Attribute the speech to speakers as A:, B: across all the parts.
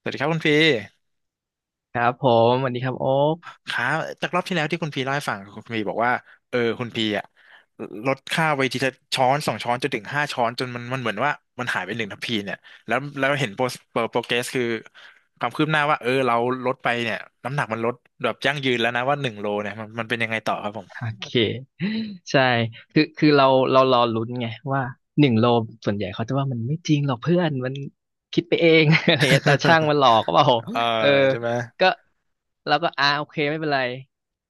A: สวัสดีครับคุณพี
B: ครับผมสวัสดีครับโอ๊ค
A: ครับจากรอบที่แล้วที่คุณพีเล่าให้ฟังคุณพีบอกว่าคุณพีอะลดค่าไปทีละช้อนสองช้อนจนถึงห้าช้อนจนมันเหมือนว่ามันหายไปหนึ่งทัพพีเนี่ยแล้วเห็นโปรโปรเกรสคือความคืบหน้าว่าเออเราลดไปเนี่ยน้ำหนักมันลดแบบยั่งยืนแล้วนะว่าหนึ่งโลเนี่ยมันเป็นยังไงต่อครับผม
B: โอเคใช่คือเรารอลุ้นไงว่า1 โลส่วนใหญ่เขาจะว่ามันไม่จริงหรอกเพื่อนมันคิดไปเอง อะไรเงี้ยตาช่างมันหลอกก็เปล่า
A: เออ
B: เออ
A: ใช่ไหม
B: ก็เราก็โอเคไม่เป็นไร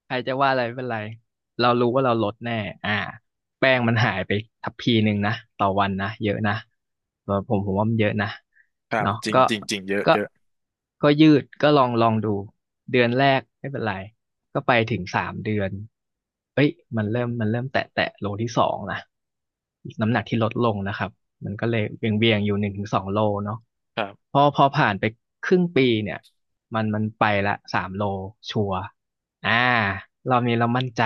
B: ใครจะว่าอะไรไม่เป็นไรเรารู้ว่าเราลดแน่อ่าแป้งมันหายไปทัพพีหนึ่งนะต่อวันนะเยอะนะผมว่ามันเยอะนะ
A: ครับ
B: เนาะ
A: จริงจริงจริงเยอะ
B: ก็
A: เยอะ
B: ก็ยืดก็ลองดู เดือนแรกไม่เป็นไรก็ไปถึง3 เดือนเอ้ยมันเริ่มแตะโลที่ 2นะน้ำหนักที่ลดลงนะครับมันก็เลยเบี่ยงเบียงอยู่1 ถึง 2 โลเนาะ
A: ครับ
B: พอผ่านไปครึ่งปีเนี่ยมันไปละสามโลชัวร์อ่าเรามั่นใจ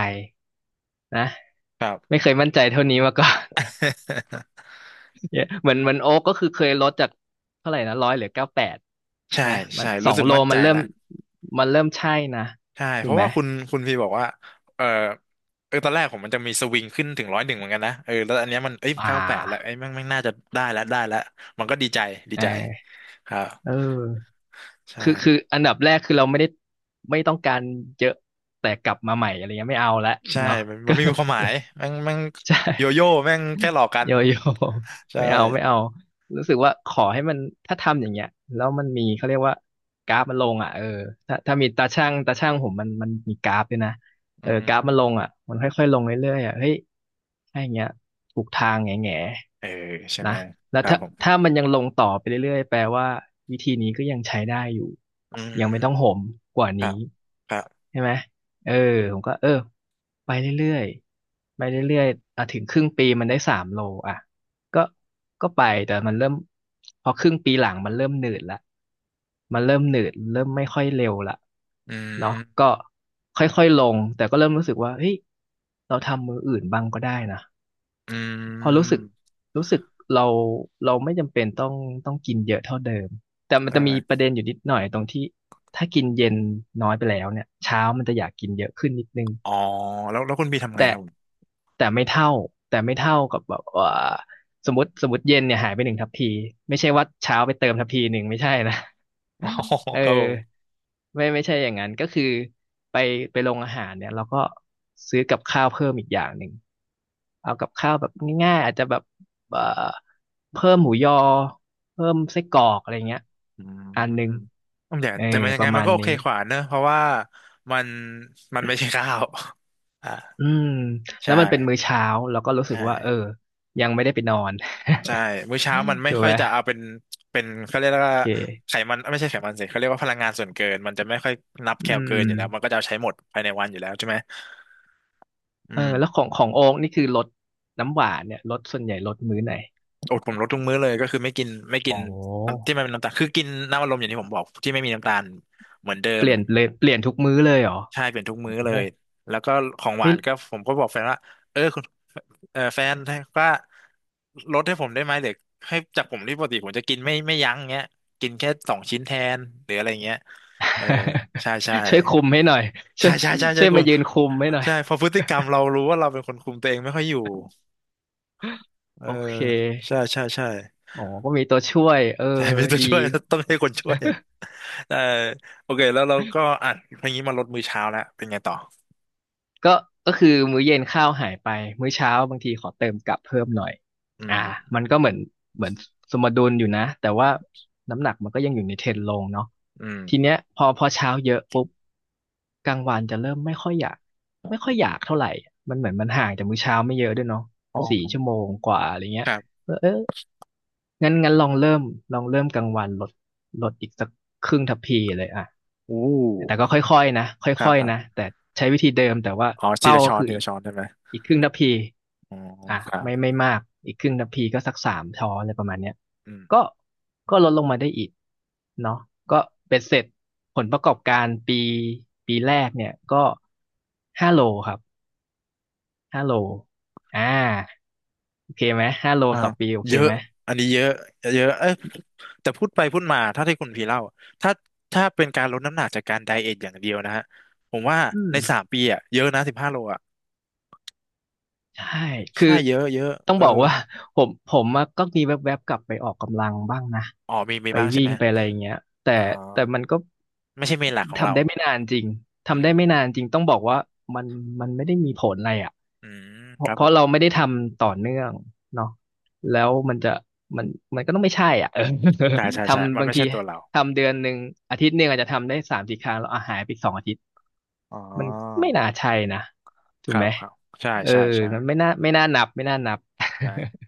B: นะ
A: ครับ
B: ไม่เคยมั่นใจเท่านี้มาก่อน เยอะเหมือนโอ๊กก็คือเคยลดจากเท่าไหร่นะ100 เหลือ 98
A: ใช่
B: นะมัน
A: ใช่
B: ส
A: รู้
B: อง
A: สึก
B: โล
A: มั่นใจ
B: มันเริ่
A: แล้
B: ม
A: ว
B: มันเริ่มใช่นะ
A: ใช่เพ
B: ถูก
A: ราะ
B: ไหม
A: ว่าคุณพี่บอกว่าเออเออตอนแรกผมมันจะมีสวิงขึ้นถึงร้อยหนึ่งเหมือนกันนะเออแล้วอันเนี้ยมันเอ้ย
B: อ่
A: เก้าแปดแล้วไอ้ย
B: า
A: แม่งน่าจะได้แล้วมันก็ดีใจดี
B: เออ
A: ใจครับ
B: เออ
A: ใช่
B: คืออันดับแรกคือเราไม่ได้ไม่ต้องการเยอะแต่กลับมาใหม่อะไรเงี้ยไม่เอาละ
A: ใช่
B: เนาะ
A: มันมั
B: ก็
A: นไม่มีความหมายแม่ง
B: ใช่
A: โยโย่แม่งแค่หลอกกัน
B: โยโย่
A: ใช่
B: ไม่เอาไม่เอารู้สึกว่าขอให้มันถ้าทำอย่างเงี้ยแล้วมันมีเขาเรียกว่ากราฟมันลงอ่ะเออถ้ามีตาช่างผมมันมีกราฟด้วยนะ
A: อื
B: เออกราฟมันลง
A: ม
B: อ่ะมันค่อยๆลงเรื่อยๆอ่ะเฮ้ยถ้าอย่างเงี้ยถูกทางแง่
A: เออใช่
B: ๆ
A: ไห
B: นะ
A: ม
B: แล้
A: ค
B: ว
A: รับ
B: ถ้า
A: ผม
B: ถ้ามันยังลงต่อไปเรื่อยๆแปลว่าวิธีนี้ก็ยังใช้ได้อยู่
A: อื
B: ยังไม่ต้อง
A: ม
B: โหมกว่า
A: ครั
B: นี้
A: บครับ
B: ใช่ไหม เออผมก็เออไปเรื่อยๆไปเรื่อยๆอ่ะถึงครึ่งปีมันได้สามโลอ่ะก็ก็ไปแต่มันเริ่มพอครึ่งปีหลังมันเริ่มหนืดละมันเริ่มหนืดเริ่มไม่ค่อยเร็วละ
A: อื
B: เนาะก็
A: ม
B: ค่อยๆลงแต่ก็เริ่มรู้สึกว่าเฮ้ยเราทำมืออื่นบ้างก็ได้นะ
A: อื
B: พอรู้สึก
A: ม
B: รู้สึกเราเราไม่จำเป็นต้องกินเยอะเท่าเดิมแต่มัน
A: ใช่
B: จะ
A: ไหม
B: มีประเด็นอยู่นิดหน่อยตรงที่ถ้ากินเย็นน้อยไปแล้วเนี่ยเช้ามันจะอยากกินเยอะขึ้นนิดนึง
A: อ๋อแล้วคุณพี่ทำไง
B: แต่
A: ครับผม
B: แต่ไม่เท่าแต่ไม่เท่ากับแบบว่าสมมติเย็นเนี่ยหายไป1 ทัพพีไม่ใช่ว่าเช้าไปเติมทัพพีหนึ่งไม่ใช่นะ
A: อ๋อ
B: เ
A: ครับผม
B: ออไม่ใช่อย่างนั้นก็คือไปไปโรงอาหารเนี่ยเราก็ซื้อกับข้าวเพิ่มอีกอย่างหนึ่งเอากับข้าวแบบง่ายๆอาจจะแบบเอ่อเพิ่มหมูยอเพิ่มไส้กรอกอะไรเงี้ย
A: อื
B: อันหนึ่ง
A: มแต่
B: เออ
A: แต่มันยั
B: ป
A: งไง
B: ระ
A: มัน
B: มาณ
A: ก็โอ
B: นี้
A: เคขวาเนอะเพราะว่ามันมันไม่ใช่ข้าวอ่า
B: อืมแล้
A: ใช่
B: วมันเป็นมื้อเช้าเราก็รู้สึก
A: ใช่
B: ว่ายังไม่ได้ไปนอน
A: ใช่ มื้อเช้ามันไม่
B: ถูก
A: ค่อย
B: ไหม
A: จะเอาเป็นเป็นเขาเรียก
B: โอ
A: ว่า
B: เ
A: ไข
B: ค
A: มันไม่ใช่ไขมันสิเขาเรียกว่าพลังงานส่วนเกินมันจะไม่ค่อยนับ
B: อื
A: แคลเกิน
B: ม
A: อยู่แล้วมันก็จะเอาใช้หมดภายในวันอยู่แล้วใช่ไหมอื
B: เออแล้ว
A: ม
B: ของโอ๊กนี่คือลดน้ำหวานเนี่ยลดส่วนใหญ่ลดมื้อไหน
A: อดผมลดทุกมื้อเลยก็คือไม่กินไม่
B: โอ
A: กิน
B: ้
A: น้ำที่มันเป็นน้ำตาลคือกินน้ำอัดลมอย่างที่ผมบอกที่ไม่มีน้ำตาลเหมือนเดิ
B: เป
A: ม
B: ลี่ยนเลยเปลี่ยนทุกมื้อเลยเหรอ
A: ใช่เป็นทุกมื้อเล
B: โอ้
A: ยแล้วก็ของหวา
B: ไม่
A: นก็ผมก็บอกแฟนว่าเออ เออแฟนก่ลดให้ผมได้ไหมหรือให้จากผมที่ปกติผมจะกินไม่ยั้งเงี้ยกินแค่สองชิ้นแทนหรืออะไรเงี้ยเออใช่ใช่
B: ช่วยคุมให้หน่อยช่
A: ใช่
B: วย
A: ใช่ใช่ใช่
B: ช่วย
A: คุ
B: มา
A: ม
B: ยืนคุมให้หน่อย
A: ใช่เพอพฤติกรรมเรารู้ว่าเราเป็นคนคุมตัวเองไม่ค่อยอยู่เออ
B: โอเค
A: ใช่ใช่ใช่
B: อ๋อก็มีตัวช่วยเออ
A: ใช่มีตัว
B: ดี
A: ช่วย ต้องให้คนช่วยเออโอเคแล้วเราก็อ่ะพออย่างนี้มาลดมื้อเช้าแล้วเป็นไงต่อ
B: ก็ก็คือมื้อเย็นข้าวหายไป มื้อเช้าบางทีขอเติมกลับเพิ่มหน่อย
A: อื
B: อ่า
A: ม
B: มันก็เหมือนสมดุลอยู่นะ แต่ว่าน้ำหนักมันก็ยังอยู่ในเทรนด์ลงเนาะ
A: อืม
B: ทีเนี้ยพอเช้าเยอะปุ๊บกลางวันจะเริ่มไม่ค่อยอยาก ไม่ค่อยอยากเท่าไหร่มันเหมือนมันห่างจากมื้อเช้าไม่เยอะด้วยเนาะ
A: อ๋อ
B: 4 ชั่วโมงกว่าอะไรเงี้
A: ค
B: ย
A: รับ
B: เออ งั้นลองเริ่มกลางวันลดลดอีกสักครึ่งทัพพีเลยอ่ะ
A: อู้
B: แต่ก็ค่อยๆนะค
A: ครั
B: ่
A: บ
B: อย
A: ครั
B: ๆนะ
A: บ
B: แต่ใช้วิธีเดิมแต่ว่า
A: อ๋อที
B: เป้า
A: ละ
B: ก็
A: ช้อน
B: คือ
A: ที
B: อี
A: ละ
B: ก
A: ช้อนใช่ไหม
B: อีกครึ่งทัพพี
A: อ๋อ
B: อ่ะ
A: ครั
B: ไม่
A: บ
B: ไม่มากอีกครึ่งทัพพีก็สัก3 ช้อนอะไรประมาณเนี้ย
A: อืม
B: ก็ก็ลดลงมาได้อีกเนาะก็เป็นเสร็จผลประกอบการปีแรกเนี่ยก็ห้าโลครับห้าโลอ่าโอเคไหมห้าโล
A: อ่า
B: ต่อปีโอเค
A: เยอะ
B: ไหม
A: อันนี้เยอะเยอะเอ้ยแต่พูดไปพูดมาถ้าที่คุณพีเล่าถ้าถ้าเป็นการลดน้ำหนักจากการไดเอทอย่างเดียวนะฮะผมว่า
B: อืม
A: ในสามปีอะเยอะนะสิบห้าโลอะ
B: ใช่คือ
A: ใช่เยอะเยอะ
B: ต้อง
A: เออ
B: บอกว่า ผมอะก็มีแวบๆกลับไปออกกำลังบ้างนะ
A: อ๋อมีมี
B: ไป
A: บ้างใช่
B: วิ่
A: ไหม
B: งไปอะไรอย่างเงี้ยแต่
A: อ๋
B: แต่
A: อ
B: มันก็
A: ไม่ใช่เมนหลักของเรา
B: ทำได้ไม่นานจริง
A: อื
B: ทำได้
A: ม
B: ไม่นานจริงต้องบอกว่ามันมันไม่ได้มีผลอะไรอ่ะ
A: อืม
B: เพ
A: ค
B: ราะ
A: รับ
B: เพ
A: ผ
B: ราะ
A: ม
B: เราไม่ได้ทำต่อเนื่องเนาะแล้วมันจะมันมันก็ต้องไม่ใช่อ่ะ เออ
A: ใช่ใช่ ใช่มั
B: ทำ
A: น
B: บาง
A: ไม่
B: ที
A: ใช่ตัวเรา
B: ทำเดือนหนึ่งอาทิตย์หนึ่งอาจจะทำได้3 4 ครั้งแล้วอ่ะหายไป2 อาทิตย์
A: อ๋อ
B: มันไม่น่าใช่นะถู
A: ค
B: ก
A: รั
B: ไหม
A: บครับใช่
B: เออ
A: ใช่ใช่
B: มันไม่น่านับไม่น่านับ
A: ใช่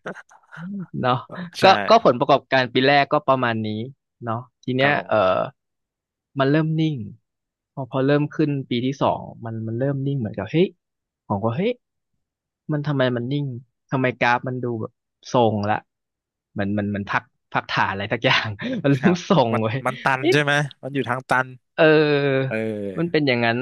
B: เนาะ
A: เออใช่
B: ก็ผลประกอบการปีแรกก็ประมาณนี้เนาะที
A: ครั
B: เนี้
A: บ
B: ย
A: ผ
B: เอ
A: ม
B: อมันเริ่มนิ่งพอเริ่มขึ้นปีที่สองมันเริ่มนิ่งเหมือนกับเฮ้ยผมก็เฮ้ยมันทำไมมันนิ่งทำไมกราฟมันดูแบบทรงละเหมันพักพักฐานอะไรสักอย่าง มัน
A: ครั
B: เริ่ม
A: บ
B: ทรง
A: มัน
B: เว้ย
A: มันตัน
B: เอ๊ะ
A: ใช่ไหมมันอยู่ทางตัน
B: เออ
A: เอ
B: มัน
A: อ
B: เป็นอย่างนั้น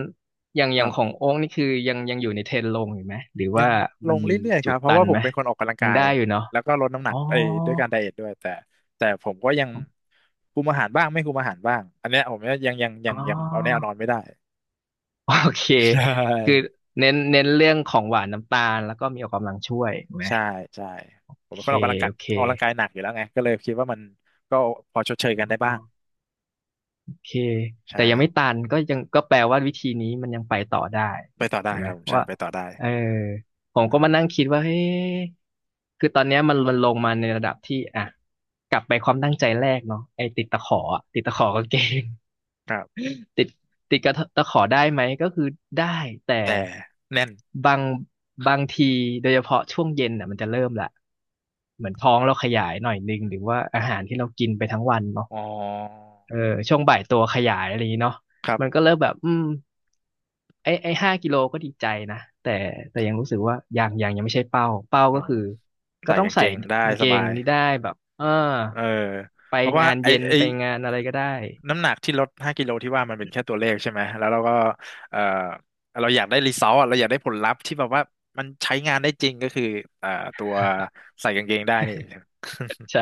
B: อย่าง
A: ค
B: อย่า
A: รั
B: งของ
A: บ
B: โอ๊กนี่คือยังอยู่ในเทรนด์ลงอยู่ไหม หรือ
A: ยั
B: ว่า
A: งล
B: มัน
A: ง
B: มี
A: เรื่อยๆค
B: จุ
A: รั
B: ด
A: บเพราะ
B: ตัน
A: ว่าผ
B: ไห
A: ม
B: ม
A: เป็นคนออกกำลัง
B: ยั
A: กา
B: ง
A: ย
B: ได้อยู่เนาะ
A: แล้วก็ลดน้ำหนั
B: อ๋อ
A: กเอ้ยด้วยการไดเอทด้วยแต่ผมก็ยังคุมอาหารบ้างไม่คุมอาหารบ้างอันเนี้ยผมยังยังยั
B: อ๋
A: งยังเอาแน่เอา
B: อ
A: นอนไม่ได้
B: โอเค
A: ใช
B: คือ
A: ่
B: เน้นเรื่องของหวานน้ำตาลแล้วก็มีออกกำลังช่วยถูกไหม
A: ใช่ใช่
B: โอ
A: ผมเป็
B: เค
A: นคนออกกำลังกาย
B: โอเค
A: ออกกำลังกายหนักอยู่แล้วไงก็เลยคิดว่ามันก็พอชดเชยกันได้บ้าง
B: เคแต่
A: ใช่
B: ยังไม่ตันก็ยังก็แปลว่าวิธีนี้มันยังไปต่อได้
A: ไปต่อได้
B: ถูก
A: ค
B: ไหม
A: รับผมใช่
B: ว่า
A: ไปต่อได้
B: เออผม
A: เอ
B: ก็มานั่ง
A: อ
B: คิดว่าเฮ้คือตอนเนี้ยมันลงมาในระดับที่อ่ะกลับไปความตั้งใจแรกเนาะไอ้ติดตะขออะติดตะขอกางเกง
A: ครับ
B: ติดติดกระตะขอได้ไหมก็คือได้แต่
A: แต่แน่น
B: บางบางทีโดยเฉพาะช่วงเย็นอ่ะมันจะเริ่มละเหมือนท้องเราขยายหน่อยนึงหรือว่าอาหารที่เรากินไปทั้งวันเนาะ
A: อ๋อ
B: เออช่วงบ่ายตัวขยายอะไรอย่างนี้เนาะ
A: ครับ
B: มันก็เริ่มแบบไอ้ไอ้5 กิโลก็ดีใจนะแต่แต่ยังรู้สึกว่ายังไม่ใช่เป้าเป้า
A: อ๋อ
B: ก็คือก็
A: ใส่
B: ต้อง
A: กางเก
B: ใส่
A: งได้
B: กางเก
A: สบา
B: ง
A: ย
B: นี้ได้แบบเออ
A: เออ
B: ไป
A: เพราะว่า
B: งาน
A: ไอ
B: เย็น
A: ไอ
B: ไปงานอะไรก็ได้
A: น้ำหนักที่ลดห้ากิโลที่ว่ามันเป็นแค่ตัวเลขใช่ไหม แล้วเราก็เอ่อเราอยากได้รีซอสเราอยากได้ผลลัพธ์ที่แบบว่ามันใช้งานได้จริงก็คือเอ่อตัว ใส่กางเกงได้นี่
B: ใช่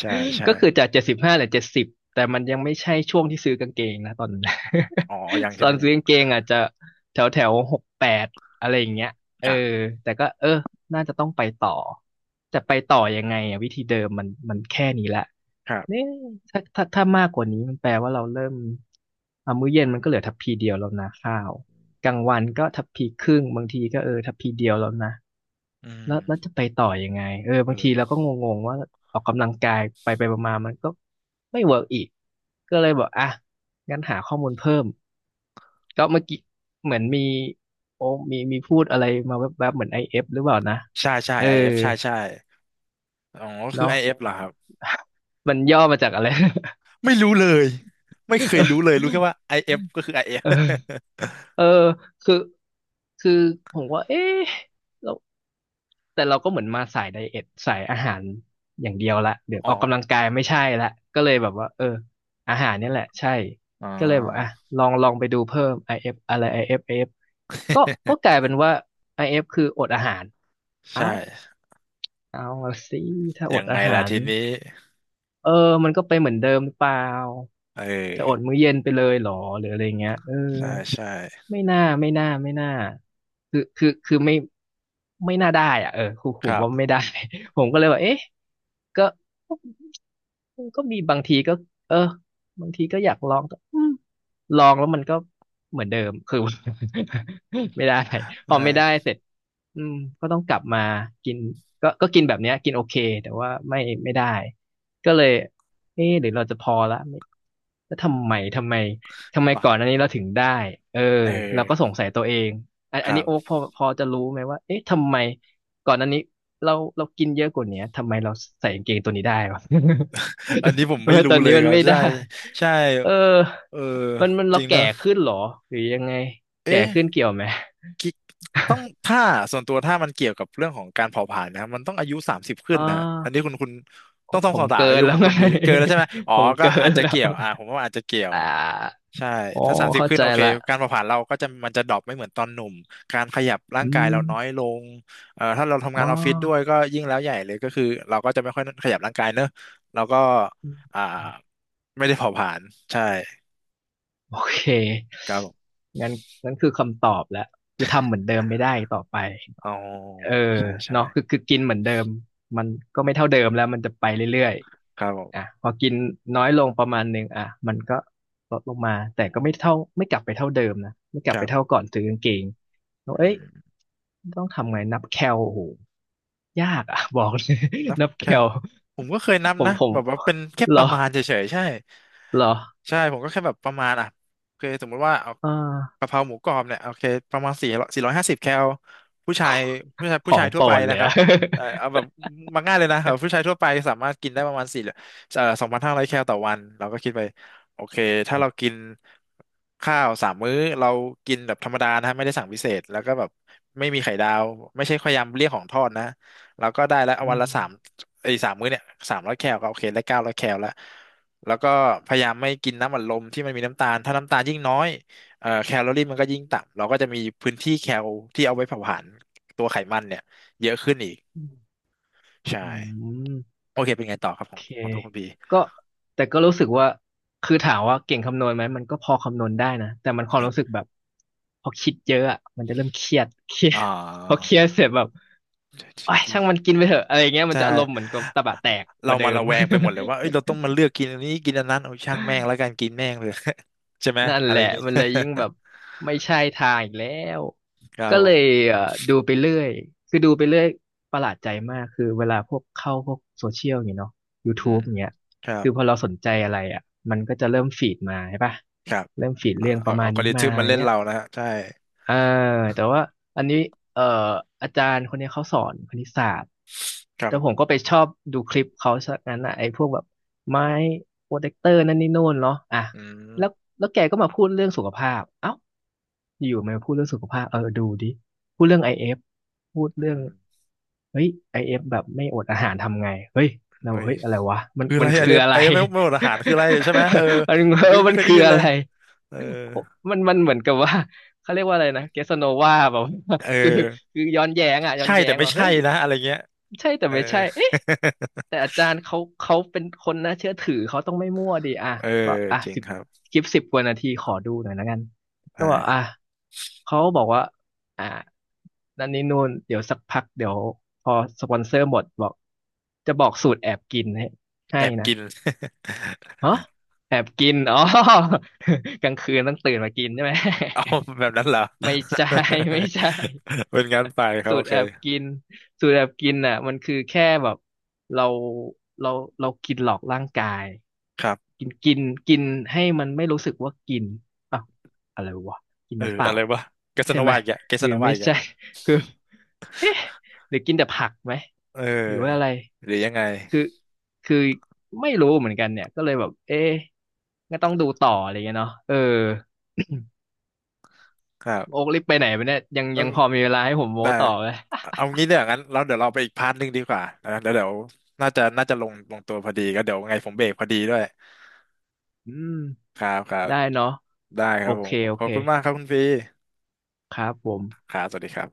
A: ใช่ ใช่
B: ก็คือจาก75เหลือเจ็ดสิบแต่มันยังไม่ใช่ช่วงที่ซื้อกางเกงนะตอนนั้น
A: อ๋อยัง ใช่
B: ต
A: ไห
B: อ
A: ม
B: น
A: ยั
B: ซื้
A: ง
B: อกางเกงอาจจะแถวแถว68อะไรอย่างเงี้ยเอ
A: ค
B: อ
A: รับ
B: แต่ก็เออน่าจะต้องไปต่อแต่ไปต่อยังไงอะวิธีเดิมมันแค่นี้ละ
A: ครับ
B: เนี่ยถ้ามากกว่านี้มันแปลว่าเราเริ่มอ่ะมื้อเย็นมันก็เหลือทัพพีเดียวแล้วนะข้าวกลางวันก็ทัพพีครึ่งบางทีก็เออทัพพีเดียวแล้วนะ
A: อื
B: แล้ว
A: ม
B: แล้วจะไปต่อยังไงเออ
A: เอ
B: บางทีเรา
A: อ
B: ก็งงๆว่าออกกำลังกายไปมาๆมันก็ไม่เวิร์กอีกก็เลยบอกอ่ะงั้นหาข้อมูลเพิ่มก็เมื่อกี้เหมือนมีโอ้มีพูดอะไรมาแวบๆเหมือนไอเอฟหรือเปล่านะ
A: ใช่ใช่
B: เออ
A: IF ใช่ใช่อ๋อคือ
B: เนาะ
A: IF เอฟเหรอครับ
B: มันย่อมาจากอะไร
A: ไม่รู้เลยไม่เคยรู้เลยรู้แค่ ว่าไอเอฟก็คือ IF
B: เอ
A: อเอ
B: อ
A: ฟ
B: เออคือคือผมว่าเอ๊ะเรา แต่เราก็เหมือนมาสายไดเอทสายอาหารอย่างเดียวละเดี๋ยว
A: อ๋อ
B: ออกกำลังกายไม่ใช่ละก็เลยแบบว่าเอออาหารเนี่ยแหละใช่
A: อ๋อ
B: ก็เลยบอกอ่ะลองไปดูเพิ่ม IF อเอฟอะไร IF อเอฟไอเอฟก็ก็กลายเป็นว่า IF คืออดอาหาร เอ้า
A: ใช่
B: เอาสิถ้าอ
A: ยั
B: ด
A: งไง
B: อา
A: ล่ะ
B: หาร
A: ทีนี้
B: เออมันก็ไปเหมือนเดิมหรือเปล่า
A: เ
B: จะอด
A: ออ
B: มื้อเย็นไปเลยเหรอหรืออะไรเงี้ยเออ
A: ใช่ใช่
B: ไม่น่าคือไม่ไม่น่าได้อ่ะเออครูผ
A: ค
B: ม
A: รั
B: ว่าไม่
A: บ
B: ได้ ผมก็เลยว่าเอ๊ะก็ก็มีบางทีก็เออบางทีก็อยากลองแต่ลองแล้วมันก็เหมือนเดิมคือ ไม่ได้
A: ใช
B: พอไม่ได้
A: ่
B: เสร็จอืมก็ต้องกลับมากินก็กินแบบเนี้ยกินโอเคแต่ว่าไม่ไม่ได้ก็เลยเอ๊ะหรือเราจะพอละไม่แล้วทำไมก่อนอั
A: ว่า
B: นนี้เราถึงได้เออ
A: เอ
B: เราก็ส
A: อ
B: งสัยตัวเองอัน
A: ค
B: อัน
A: รั
B: นี้โอ๊ค
A: บ
B: พอจะรู้ไหมว่าเอ๊ะทำไมก่อนอันนี้เรากินเยอะกว่าเนี้ยทำไมเราใส่กางเกงตัวนี้ได้วะ
A: อันนี้ผม
B: ทำ
A: ไม่
B: ไม
A: รู้
B: ตอน
A: เล
B: นี้
A: ย
B: มั
A: ค
B: น
A: รับ
B: ไม่
A: ใช่
B: ได้
A: ใช่
B: เออ
A: เออ
B: มัน
A: จ
B: เรา
A: ริงเน
B: แก่
A: อะ
B: ขึ้นเหรอหรือยังไงแก่ขึ้น
A: เอ๊ะ
B: เกี่ยวไหม
A: กิ๊กต้องถ้าส่วนตัวถ้ามันเกี่ยวกับเรื่องของการเผาผลาญนะครับมันต้องอายุสามสิบขึ้
B: อ่
A: นนะฮะอันนี้
B: า
A: คุณต้องต้
B: ผ
A: องส
B: ม
A: อบถาม
B: เกิ
A: อา
B: น
A: ยุ
B: แล้
A: ข
B: ว
A: อง
B: ไง
A: คุณบีเกินแล้วใช่ไหมอ๋ อ
B: ผม
A: ก็
B: เกิ
A: อา
B: น
A: จจะ
B: แล้ว
A: เกี่ยวอ่าผมว่าอาจจะเกี่ยว
B: อ่า
A: ใช่
B: อ๋อ
A: ถ้าสามสิบ
B: เข้า
A: ขึ้น
B: ใจ
A: โอเค
B: ละ
A: การเผาผลาญเราก็จะมันจะดรอปไม่เหมือนตอนหนุ่มการขยับร่า
B: อื
A: งกายเรา
B: ม
A: น้อยลงถ้าเราทำ
B: ม
A: งา
B: อ
A: นออฟฟิศด้วยก็ยิ่งแล้วใหญ่เลยก็คือเราก็จะไม่ค่อยขยับร่างกายเนอะเราก็อ่าไม่ได้เผาผลาญใช่
B: โอเค
A: ครับผม
B: งั้นงั้นคือคำตอบแล้วคือทำเหมือนเดิมไม่ได้ต่อไป
A: อ๋อ
B: เออ
A: ใช่ใช่
B: เนาะคือกินเหมือนเดิมมันก็ไม่เท่าเดิมแล้วมันจะไปเรื่อย
A: ครับผ
B: ๆอ่ะ
A: ม
B: พอกินน้อยลงประมาณหนึ่งอ่ะมันก็ลดลงมาแต่ก็ไม่เท่าไม่กลับไปเท่าเดิมนะไม่กลั
A: ค
B: บไป
A: รับ
B: เท่าก่อนซื้อกางเกงเรา
A: อื
B: เอ้ย
A: ม
B: ต้องทำไงนับแคลโอ้โหยากอ่ะ บอกเลย
A: นับ
B: นับ
A: แค
B: แค
A: ล
B: ล
A: ผมก็เคยนับ
B: ผม
A: นะ
B: ผม
A: แบบว่าเป็นแค่
B: เหร
A: ป
B: อ
A: ระมาณเฉยๆใช่
B: เหรอ
A: ใช่ผมก็แค่แบบประมาณอ่ะโอเคสมมติว่าเอา
B: อ่า
A: กะเพราหมูกรอบเนี่ยโอเคประมาณสี่ร้อยห้าสิบแคลผู้ชายผู้ชาย
B: ข
A: ผู้
B: อ
A: ชา
B: ง
A: ยทั่
B: โป
A: ว
B: ร
A: ไป
B: ดเล
A: นะ
B: ย
A: ครับ
B: อะ
A: เอาแบบมาง่ายเลยนะครับผู้ชายทั่วไปสามารถกินได้ประมาณสี่เอ่อ2,500แคลต่อวันเราก็คิดไปโอเคถ้าเรากินข้าวสามมื้อเรากินแบบธรรมดานะฮะไม่ได้สั่งพิเศษแล้วก็แบบไม่มีไข่ดาวไม่ใช่พยายามเลี่ยงของทอดนะ แล้วก็ได้แล้ว
B: อื
A: วัน
B: ม
A: ละสามไอ้สามมื้อเนี่ย300แคลก็โอเคได้900แคลแล้วแล้วก็พยายามไม่กินน้ำอัดลมที่มันมีน้ำตาลถ้าน้ำตาลยิ่งน้อยแคลอรี่มันก็ยิ่งต่ำเราก็จะมีพื้นที่แคลที่เอาไว้เผาผลาญตัวไขมันเนี่ยเยอะขึ้นอีก
B: อืม
A: ใช่
B: อืม
A: โอเคเป็นไงต่อครับ
B: โอ
A: ของ
B: เค
A: ของตัวคุณพี
B: ก็แต่ก็รู้สึกว่าคือถามว่าเก่งคำนวณไหมมันก็พอคำนวณได้นะแต่มันความรู้สึกแบบพอคิดเยอะอ่ะมันจะเริ่มเครียดเครีย
A: อ่
B: ด พอเค
A: า
B: รียดเสร็จแบบโอ้ยช่างมันกินไปเถอะอะไรเงี้ยมัน
A: ใช่
B: จะอารมณ์เหมือนกับตะบะแตกก
A: เรา
B: ว่าเดิ
A: มา
B: ม
A: ระแวงไปหมดเลยว่าเอ้ ยเราต้องมาเลือกกินอันนี้กินอันนั้นเอาช่างแม่งแล้วกันกินแม่งเลย ใช่ไหม
B: นั่น
A: อะ
B: แห
A: ไรอ
B: ละ
A: ย่างงี้
B: มันเลยยิ่งแบบไม่ใช่ทางอีกแล้ว
A: ครับ
B: ก็
A: ผ
B: เล
A: ม
B: ยเอ่อดูไปเรื่อยคือดูไปเรื่อยประหลาดใจมากคือเวลาพวกเข้าพวกโซเชียลอย่างเงี้ยเนาะ
A: อืม
B: YouTube อย่างเงี้ย
A: ครั
B: คื
A: บ
B: อพอเราสนใจอะไรอ่ะมันก็จะเริ่มฟีดมาใช่ปะ
A: ครับ
B: เริ่มฟีด
A: อ่า
B: เรื่องป
A: เอา
B: ระมา
A: เอา
B: ณ
A: กอ
B: นี้
A: ริ
B: มา
A: ทึม
B: อะ
A: มา
B: ไร
A: เล่น
B: เงี้ย
A: เรานะฮะใช่
B: อ่าแต่ว่าอันนี้เอ่ออาจารย์คนนี้เขาสอนคณิตศาสตร์
A: ครับ
B: แต่
A: ผ
B: ผม
A: ม
B: ก็ไปชอบดูคลิปเขาซะงั้นอ่ะไอ้พวกแบบไม้โปรเทคเตอร์นั่นนี่โน่นเนาะอ่ะ
A: อืม
B: แล้วแล้วแกก็มาพูดเรื่องสุขภาพเอ้าอยู่ๆมาพูดเรื่องสุขภาพเออดูดิพูดเรื่องไอเอฟพูดเรื่อ
A: อื
B: ง
A: ม
B: เฮ้ยไอเอฟแบบไม่อดอาหารทำไงเฮ้ยเรา
A: เอ้
B: บอก
A: ย
B: เฮ้ยอะไรวะมัน
A: คืออะ
B: มั
A: ไร
B: น
A: ไอ
B: คือ
A: เอฟ
B: อะไร
A: ไอ้ไม่หมดอาหารคืออะไรใช่ไหมเออ
B: มัน
A: ผม
B: เอ
A: ก็
B: อ
A: ยัง
B: มั
A: ไม่
B: น
A: เคยได้
B: คือ
A: ยิน
B: อะ
A: เลย
B: ไร
A: เออ
B: มันเหมือนกับว่า เขาเรียกว่าอะไรนะเกสโนวาแบบ
A: เอ
B: คือ
A: อ
B: คือย้อนแย้งอ่ะย้อ
A: ใช่
B: นแย้
A: แต่
B: ง
A: ไม่
B: ว่า
A: ใช่
B: เฮ้ย
A: นะอะไรเงี้ย
B: ใช่แต่
A: เออ
B: ไม่ใช่เอ๊ะแต่อาจารย์เขาเป็นคนน่าเชื่อถือเขาต้องไม่มั่วดิอ่ะ
A: เออ
B: ก็อ่ะ
A: จริง
B: สิบ
A: ครับ
B: คลิปสิบกว่านาทีขอดูหน่อยละกันก็บอกอ่ะ
A: ใช่
B: เขาบอกว่าอ่ะนั่นนี่นู่นเดี๋ยวสักพักเดี๋ยวพอสปอนเซอร์หมดบอกจะบอกสูตรแอบกินให้
A: แอ
B: ให้
A: บ
B: นะ
A: กิน
B: ฮะแอบกินอ๋อ กลางคืนต้องตื่นมากินใช่ไหม
A: เอาแบบนั้นเหรอ
B: ไม่ใช่ ไม่ใช่
A: เป็นงั้นไปครับ
B: สู
A: โอ
B: ตร
A: เค
B: แอบกินสูตรแอบกินน่ะมันคือแค่แบบเราเราเรากินหลอกร่างกาย
A: ครับ
B: กินกินกินให้มันไม่รู้สึกว่ากินอ้าวอะไรวะกิน
A: เออ
B: น้ำเปล่า
A: อะไรวะเกส
B: ใช่
A: โน
B: ไหม
A: วาอีกอะเก
B: ห
A: ส
B: รือ
A: โนวา
B: ไม่
A: อีก
B: ใช่
A: อะ
B: คือหรือกินแต่ผักไหม
A: เ
B: หรือว่าอะไร
A: ออหรือยังไง
B: คือคือไม่รู้เหมือนกันเนี่ยก็เลยแบบเอ๊ะก็ต้องดูต่ออะไรเงี้ยเนาะเออ
A: ครั
B: โอ๊กรีบไปไหนไปเนี่ยยังยั
A: บ
B: งพอมีเวลาให้ผมโม้
A: ได้
B: ต่อเหย
A: เอางี้เนี่ยงั้นเราเดี๋ยวเราไปอีกพาร์ทหนึ่งดีกว่านะเดี๋ยวน่าจะลงตัวพอดีก็เดี๋ยวไงผมเบรกพอดีด้วย
B: อืม
A: ครับครับ
B: ได้เนาะ
A: ได้ค
B: โอ
A: รับผ
B: เค
A: ม
B: โอ
A: ขอ
B: เค
A: บคุณมากครับคุณฟรี
B: ครับผม
A: ครับสวัสดีครับ